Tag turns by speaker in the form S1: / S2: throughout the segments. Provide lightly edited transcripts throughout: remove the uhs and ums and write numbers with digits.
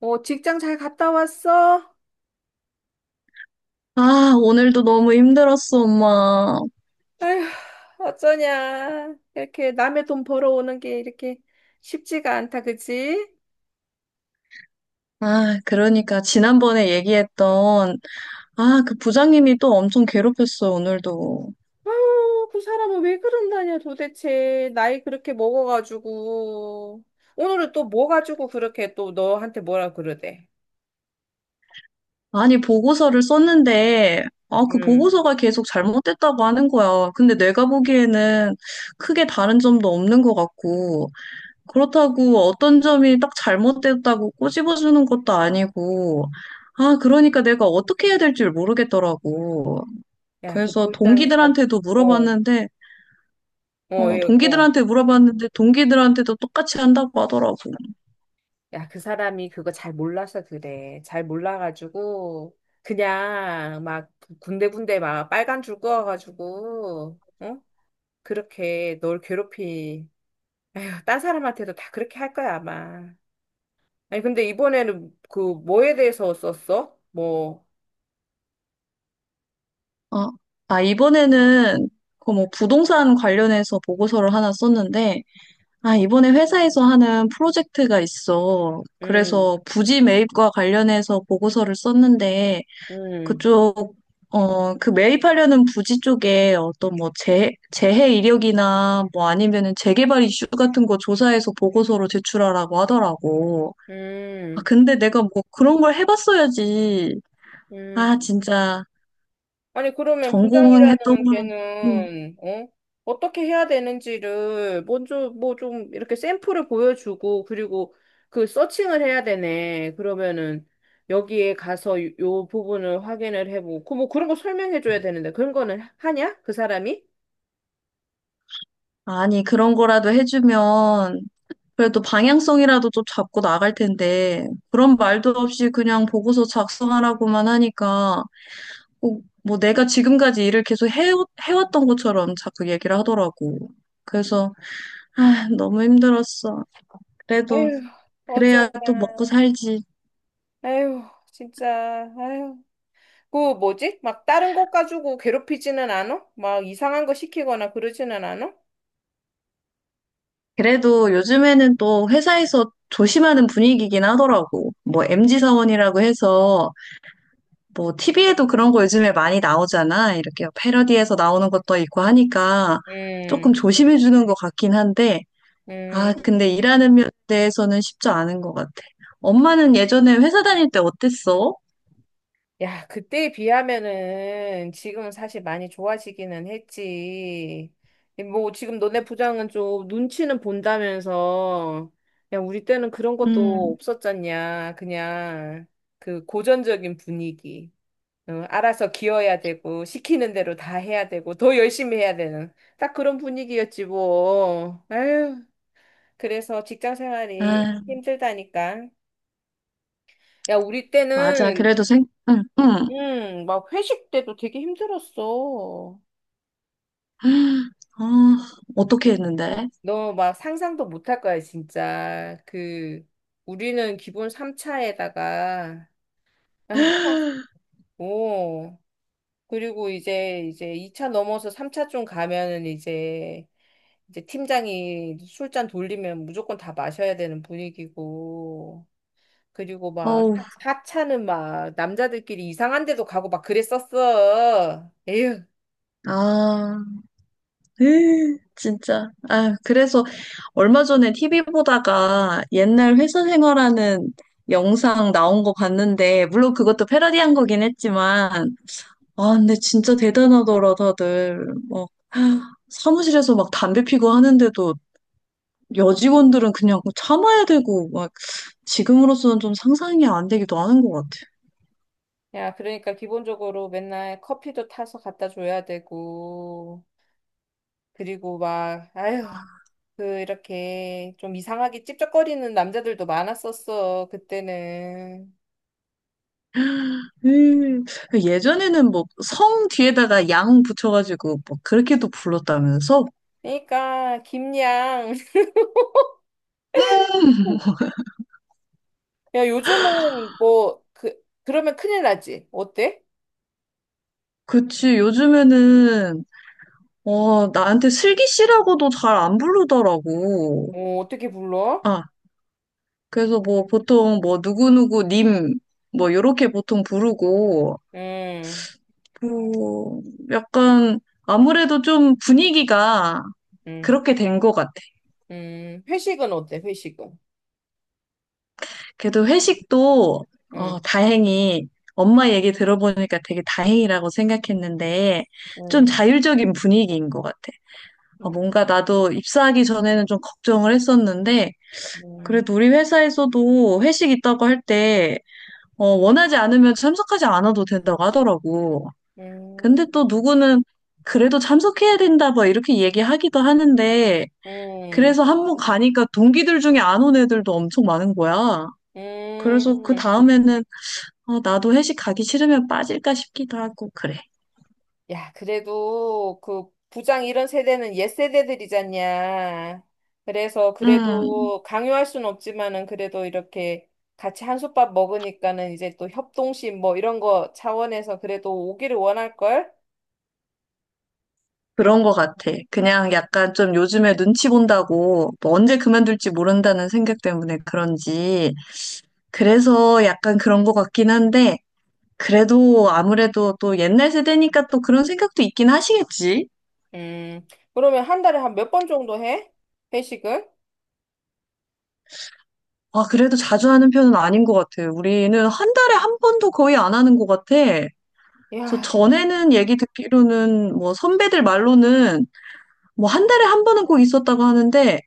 S1: 어, 직장 잘 갔다 왔어?
S2: 오늘도 너무 힘들었어, 엄마.
S1: 아휴, 어쩌냐. 이렇게 남의 돈 벌어오는 게 이렇게 쉽지가 않다, 그치?
S2: 그러니까 지난번에 얘기했던 그 부장님이 또 엄청 괴롭혔어, 오늘도.
S1: 아유, 그 사람은 왜 그런다냐, 도대체. 나이 그렇게 먹어가지고. 오늘은 또 뭐 가지고 그렇게 또 너한테 뭐라 그러대?
S2: 아니, 보고서를 썼는데 그
S1: 응.
S2: 보고서가 계속 잘못됐다고 하는 거야. 근데 내가 보기에는 크게 다른 점도 없는 것 같고 그렇다고 어떤 점이 딱 잘못됐다고 꼬집어주는 것도 아니고 그러니까 내가 어떻게 해야 될지 모르겠더라고.
S1: 야, 그
S2: 그래서
S1: 불쌍히 잘,
S2: 동기들한테도
S1: 어,
S2: 물어봤는데
S1: 어, 얘, 어.
S2: 동기들한테 물어봤는데 동기들한테도 똑같이 한다고 하더라고.
S1: 야, 그 사람이 그거 잘 몰라서 그래. 잘 몰라가지고, 그냥 막 군데군데 막 빨간 줄 그어가지고, 응? 그렇게 널 괴롭히. 에휴, 딴 사람한테도 다 그렇게 할 거야, 아마. 아니, 근데 이번에는 그 뭐에 대해서 썼어? 뭐,
S2: 아, 이번에는 그 뭐 부동산 관련해서 보고서를 하나 썼는데, 이번에 회사에서 하는 프로젝트가 있어.
S1: 음,
S2: 그래서 부지 매입과 관련해서 보고서를 썼는데,
S1: 음,
S2: 그쪽, 그 매입하려는 부지 쪽에 어떤 뭐 재해 이력이나 뭐 아니면은 재개발 이슈 같은 거 조사해서 보고서로 제출하라고 하더라고.
S1: 음,
S2: 근데 내가 뭐 그런 걸 해봤어야지.
S1: 음.
S2: 진짜
S1: 아니, 그러면
S2: 전공했던
S1: 부장이라는
S2: 거랑, 음,
S1: 걔는, 어? 어떻게 해야 되는지를 먼저 뭐 좀 이렇게 샘플을 보여주고, 그리고 그 서칭을 해야 되네. 그러면은 여기에 가서 요 부분을 확인을 해보고, 그뭐 그런 거 설명해줘야 되는데, 그런 거는 하냐? 그 사람이?
S2: 아니, 그런 거라도 해주면 그래도 방향성이라도 좀 잡고 나갈 텐데, 그런 말도 없이 그냥 보고서 작성하라고만 하니까, 뭐 내가 지금까지 일을 계속 해왔던 것처럼 자꾸 얘기를 하더라고. 그래서, 너무 힘들었어. 그래도,
S1: 에휴,
S2: 그래야 또 먹고
S1: 어쩌냐.
S2: 살지.
S1: 에휴, 진짜, 에휴. 그 뭐지? 막 다른 것 가지고 괴롭히지는 않아? 막 이상한 거 시키거나 그러지는 않아?
S2: 그래도 요즘에는 또 회사에서 조심하는 분위기긴 하더라고. 뭐, MZ 사원이라고 해서, 뭐 TV에도 그런 거 요즘에 많이 나오잖아. 이렇게 패러디에서 나오는 것도 있고 하니까 조금
S1: 음,
S2: 조심해 주는 것 같긴 한데,
S1: 음.
S2: 근데 일하는 면에 대해서는 쉽지 않은 것 같아. 엄마는 예전에 회사 다닐 때 어땠어?
S1: 야, 그때에 비하면은 지금은 사실 많이 좋아지기는 했지. 뭐 지금 너네 부장은 좀 눈치는 본다면서. 야, 우리 때는 그런 것도
S2: 음,
S1: 없었잖냐. 그냥 그 고전적인 분위기. 어, 알아서 기어야 되고 시키는 대로 다 해야 되고 더 열심히 해야 되는 딱 그런 분위기였지 뭐. 아유, 그래서 직장 생활이
S2: 아,
S1: 힘들다니까. 야, 우리
S2: 맞아.
S1: 때는
S2: 그래도 응, 응.
S1: 응, 막 회식 때도 되게 힘들었어.
S2: 아, 어떻게 했는데?
S1: 너 막 상상도 못 할 거야, 진짜. 그, 우리는 기본 3차에다가, 아, 오. 그리고 이제 2차 넘어서 3차 좀 가면은 이제, 팀장이 술잔 돌리면 무조건 다 마셔야 되는 분위기고. 그리고 막
S2: 어우,
S1: 4차는 막 남자들끼리 이상한 데도 가고 막 그랬었어. 에휴.
S2: 아. 에이, 진짜. 아, 그래서 얼마 전에 TV 보다가 옛날 회사 생활하는 영상 나온 거 봤는데, 물론 그것도 패러디한 거긴 했지만, 근데 진짜 대단하더라, 다들. 막, 사무실에서 막 담배 피고 하는데도 여직원들은 그냥 참아야 되고, 막, 지금으로서는 좀 상상이 안 되기도 하는 것 같아.
S1: 야, 그러니까 기본적으로 맨날 커피도 타서 갖다 줘야 되고, 그리고 막, 아휴, 그, 이렇게 좀 이상하게 찝쩍거리는 남자들도 많았었어, 그때는.
S2: 음, 예전에는 뭐, 성 뒤에다가 양 붙여가지고, 뭐, 그렇게도 불렀다면서?
S1: 그러니까, 김양.
S2: 음.
S1: 야, 요즘은 뭐, 그, 그러면 큰일 나지? 어때?
S2: 그치, 요즘에는, 어, 나한테 슬기 씨라고도 잘 안 부르더라고.
S1: 어, 어떻게 불러?
S2: 아, 그래서 뭐 보통 뭐 누구누구 님, 뭐 요렇게 보통 부르고,
S1: 음,
S2: 뭐, 약간 아무래도 좀 분위기가
S1: 음,
S2: 그렇게 된 것 같아.
S1: 회식은 어때, 회식은?
S2: 그래도 회식도, 어,
S1: 음,
S2: 다행히 엄마 얘기 들어보니까 되게 다행이라고 생각했는데, 좀
S1: 음,
S2: 자율적인 분위기인 것 같아. 어,
S1: 음,
S2: 뭔가 나도 입사하기 전에는 좀 걱정을 했었는데,
S1: 음,
S2: 그래도 우리 회사에서도 회식 있다고 할 때, 어, 원하지 않으면 참석하지 않아도 된다고 하더라고.
S1: 음,
S2: 근데 또 누구는 그래도 참석해야 된다, 뭐, 이렇게 얘기하기도 하는데,
S1: 음,
S2: 그래서 한 번 가니까 동기들 중에 안 온 애들도 엄청 많은 거야. 그래서 그
S1: 음.
S2: 다음에는, 어, 나도 회식 가기 싫으면 빠질까 싶기도 하고, 그래.
S1: 야, 그래도 그 부장 이런 세대는 옛 세대들이잖냐. 그래서
S2: 음,
S1: 그래도 강요할 순 없지만은 그래도 이렇게 같이 한솥밥 먹으니까는 이제 또 협동심 뭐 이런 거 차원에서 그래도 오기를 원할걸?
S2: 그런 거 같아. 그냥 약간 좀 요즘에 눈치 본다고, 뭐 언제 그만둘지 모른다는 생각 때문에 그런지, 그래서 약간 그런 것 같긴 한데, 그래도 아무래도 또 옛날 세대니까 또 그런 생각도 있긴 하시겠지?
S1: 음, 그러면 한 달에 한 몇 번 정도 해? 회식을?
S2: 아, 그래도 자주 하는 편은 아닌 것 같아요. 우리는 한 달에 한 번도 거의 안 하는 것 같아. 그래서
S1: 야,
S2: 전에는 얘기 듣기로는 뭐 선배들 말로는 뭐 한 달에 한 번은 꼭 있었다고 하는데,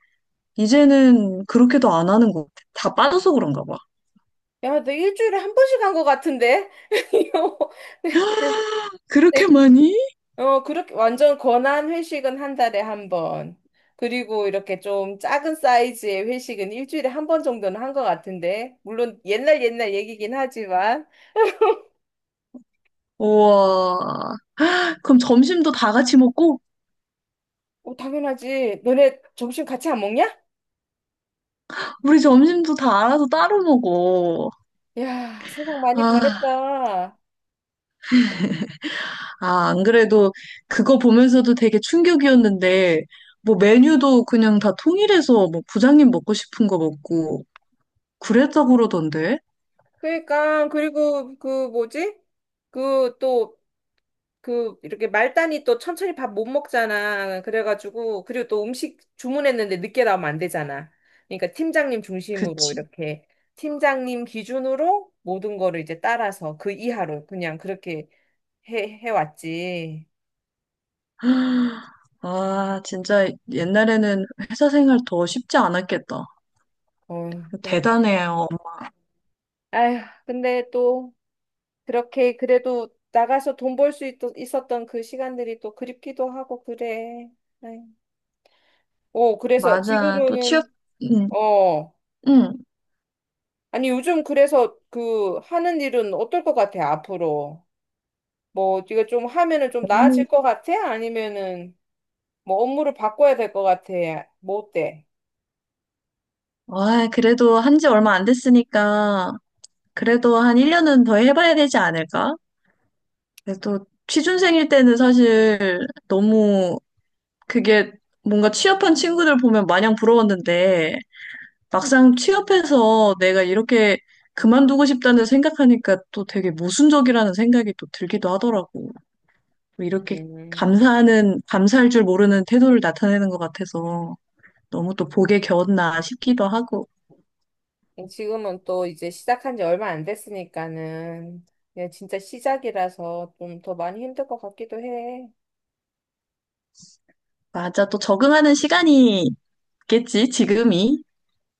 S2: 이제는 그렇게도 안 하는 것 같아. 다 빠져서 그런가 봐.
S1: 야, 너 일주일에 한 번씩 한 것 같은데? 이거 뭐
S2: 그렇게 많이?
S1: 어, 그렇게 완전 권한 회식은 한 달에 한 번. 그리고 이렇게 좀 작은 사이즈의 회식은 일주일에 한 번 정도는 한 것 같은데. 물론 옛날 옛날 얘기긴 하지만.
S2: 우와. 그럼 점심도 다 같이 먹고,
S1: 어, 당연하지. 너네 점심 같이 안 먹냐?
S2: 우리 점심도 다 알아서 따로 먹어.
S1: 야, 세상 많이
S2: 아.
S1: 변했다.
S2: 안 그래도 그거 보면서도 되게 충격이었는데, 뭐 메뉴도 그냥 다 통일해서 뭐 부장님 먹고 싶은 거 먹고 그랬다고 그러던데?
S1: 그러니까, 그리고 그 뭐지? 그또 그 이렇게 말단이 또 천천히 밥 못 먹잖아. 그래가지고 그리고 또 음식 주문했는데 늦게 나오면 안 되잖아. 그러니까 팀장님 중심으로
S2: 그치.
S1: 이렇게 팀장님 기준으로 모든 거를 이제 따라서 그 이하로 그냥 그렇게 해 해왔지.
S2: 진짜 옛날에는 회사 생활 더 쉽지 않았겠다.
S1: 어, 그럼
S2: 대단해요.
S1: 아휴, 근데 또 그렇게 그래도 나가서 돈 벌 수 있었던 그 시간들이 또 그립기도 하고 그래. 아휴. 오, 그래서
S2: 맞아. 또
S1: 지금은
S2: 응,
S1: 어.
S2: 응.
S1: 아니, 요즘 그래서 그 하는 일은 어떨 것 같아, 앞으로? 뭐, 네가 좀 하면은 좀
S2: 어머니.
S1: 나아질 것 같아? 아니면은 뭐 업무를 바꿔야 될 것 같아? 뭐 어때?
S2: 그래도 한지 얼마 안 됐으니까, 그래도 한 1년은 더 해봐야 되지 않을까? 그래도 취준생일 때는 사실 너무 그게 뭔가 취업한 친구들 보면 마냥 부러웠는데 막상 취업해서 내가 이렇게 그만두고 싶다는 생각하니까 또 되게 모순적이라는 생각이 또 들기도 하더라고. 뭐 이렇게
S1: 음,
S2: 감사할 줄 모르는 태도를 나타내는 것 같아서 너무 또 복에 겨웠나 싶기도 하고.
S1: 지금은 또 이제 시작한 지 얼마 안 됐으니까는 그냥 진짜 시작이라서 좀 더 많이 힘들 것 같기도 해.
S2: 맞아. 또 적응하는 시간이 있겠지, 지금이.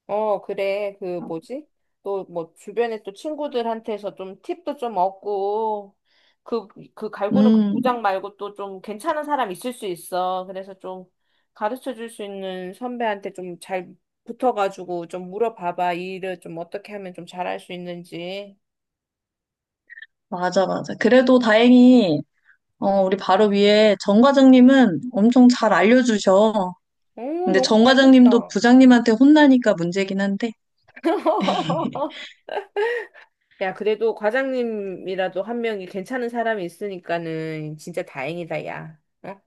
S1: 어, 그래. 그 뭐지? 또 뭐 주변에 또 친구들한테서 좀 팁도 좀 얻고 그, 그 갈구는 그
S2: 음,
S1: 부장 말고 또 좀 괜찮은 사람 있을 수 있어. 그래서 좀 가르쳐 줄 수 있는 선배한테 좀 잘 붙어가지고 좀 물어봐봐. 이 일을 좀 어떻게 하면 좀 잘할 수 있는지.
S2: 맞아, 맞아. 그래도 다행히, 어, 우리 바로 위에 정 과장님은 엄청 잘 알려주셔.
S1: 오,
S2: 근데
S1: 너무
S2: 정
S1: 잘
S2: 과장님도
S1: 됐다.
S2: 부장님한테 혼나니까 문제긴 한데.
S1: 야, 그래도 과장님이라도 한 명이 괜찮은 사람이 있으니까는 진짜 다행이다, 야. 어?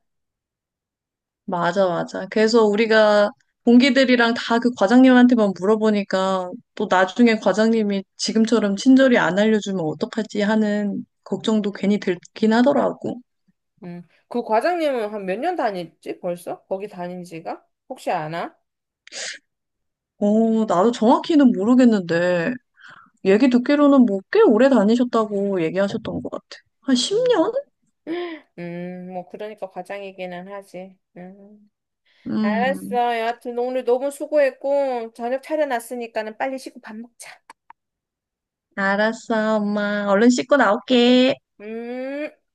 S2: 맞아, 맞아. 그래서 우리가 동기들이랑 다 그 과장님한테만 물어보니까 또 나중에 과장님이 지금처럼 친절히 안 알려주면 어떡하지 하는 걱정도 괜히 들긴 하더라고.
S1: 음. 그 과장님은 한 몇 년 다녔지, 벌써? 거기 다닌 지가? 혹시 아나?
S2: 어, 나도 정확히는 모르겠는데 얘기 듣기로는 뭐 꽤 오래 다니셨다고 얘기하셨던 것 같아. 한
S1: 음.
S2: 10년?
S1: 뭐, 그러니까 과장이기는 하지. 음.
S2: 음,
S1: 알았어. 여하튼 오늘 너무 수고했고, 저녁 차려놨으니까는 빨리 씻고 밥 먹자.
S2: 알았어, 엄마. 얼른 씻고 나올게.
S1: 음.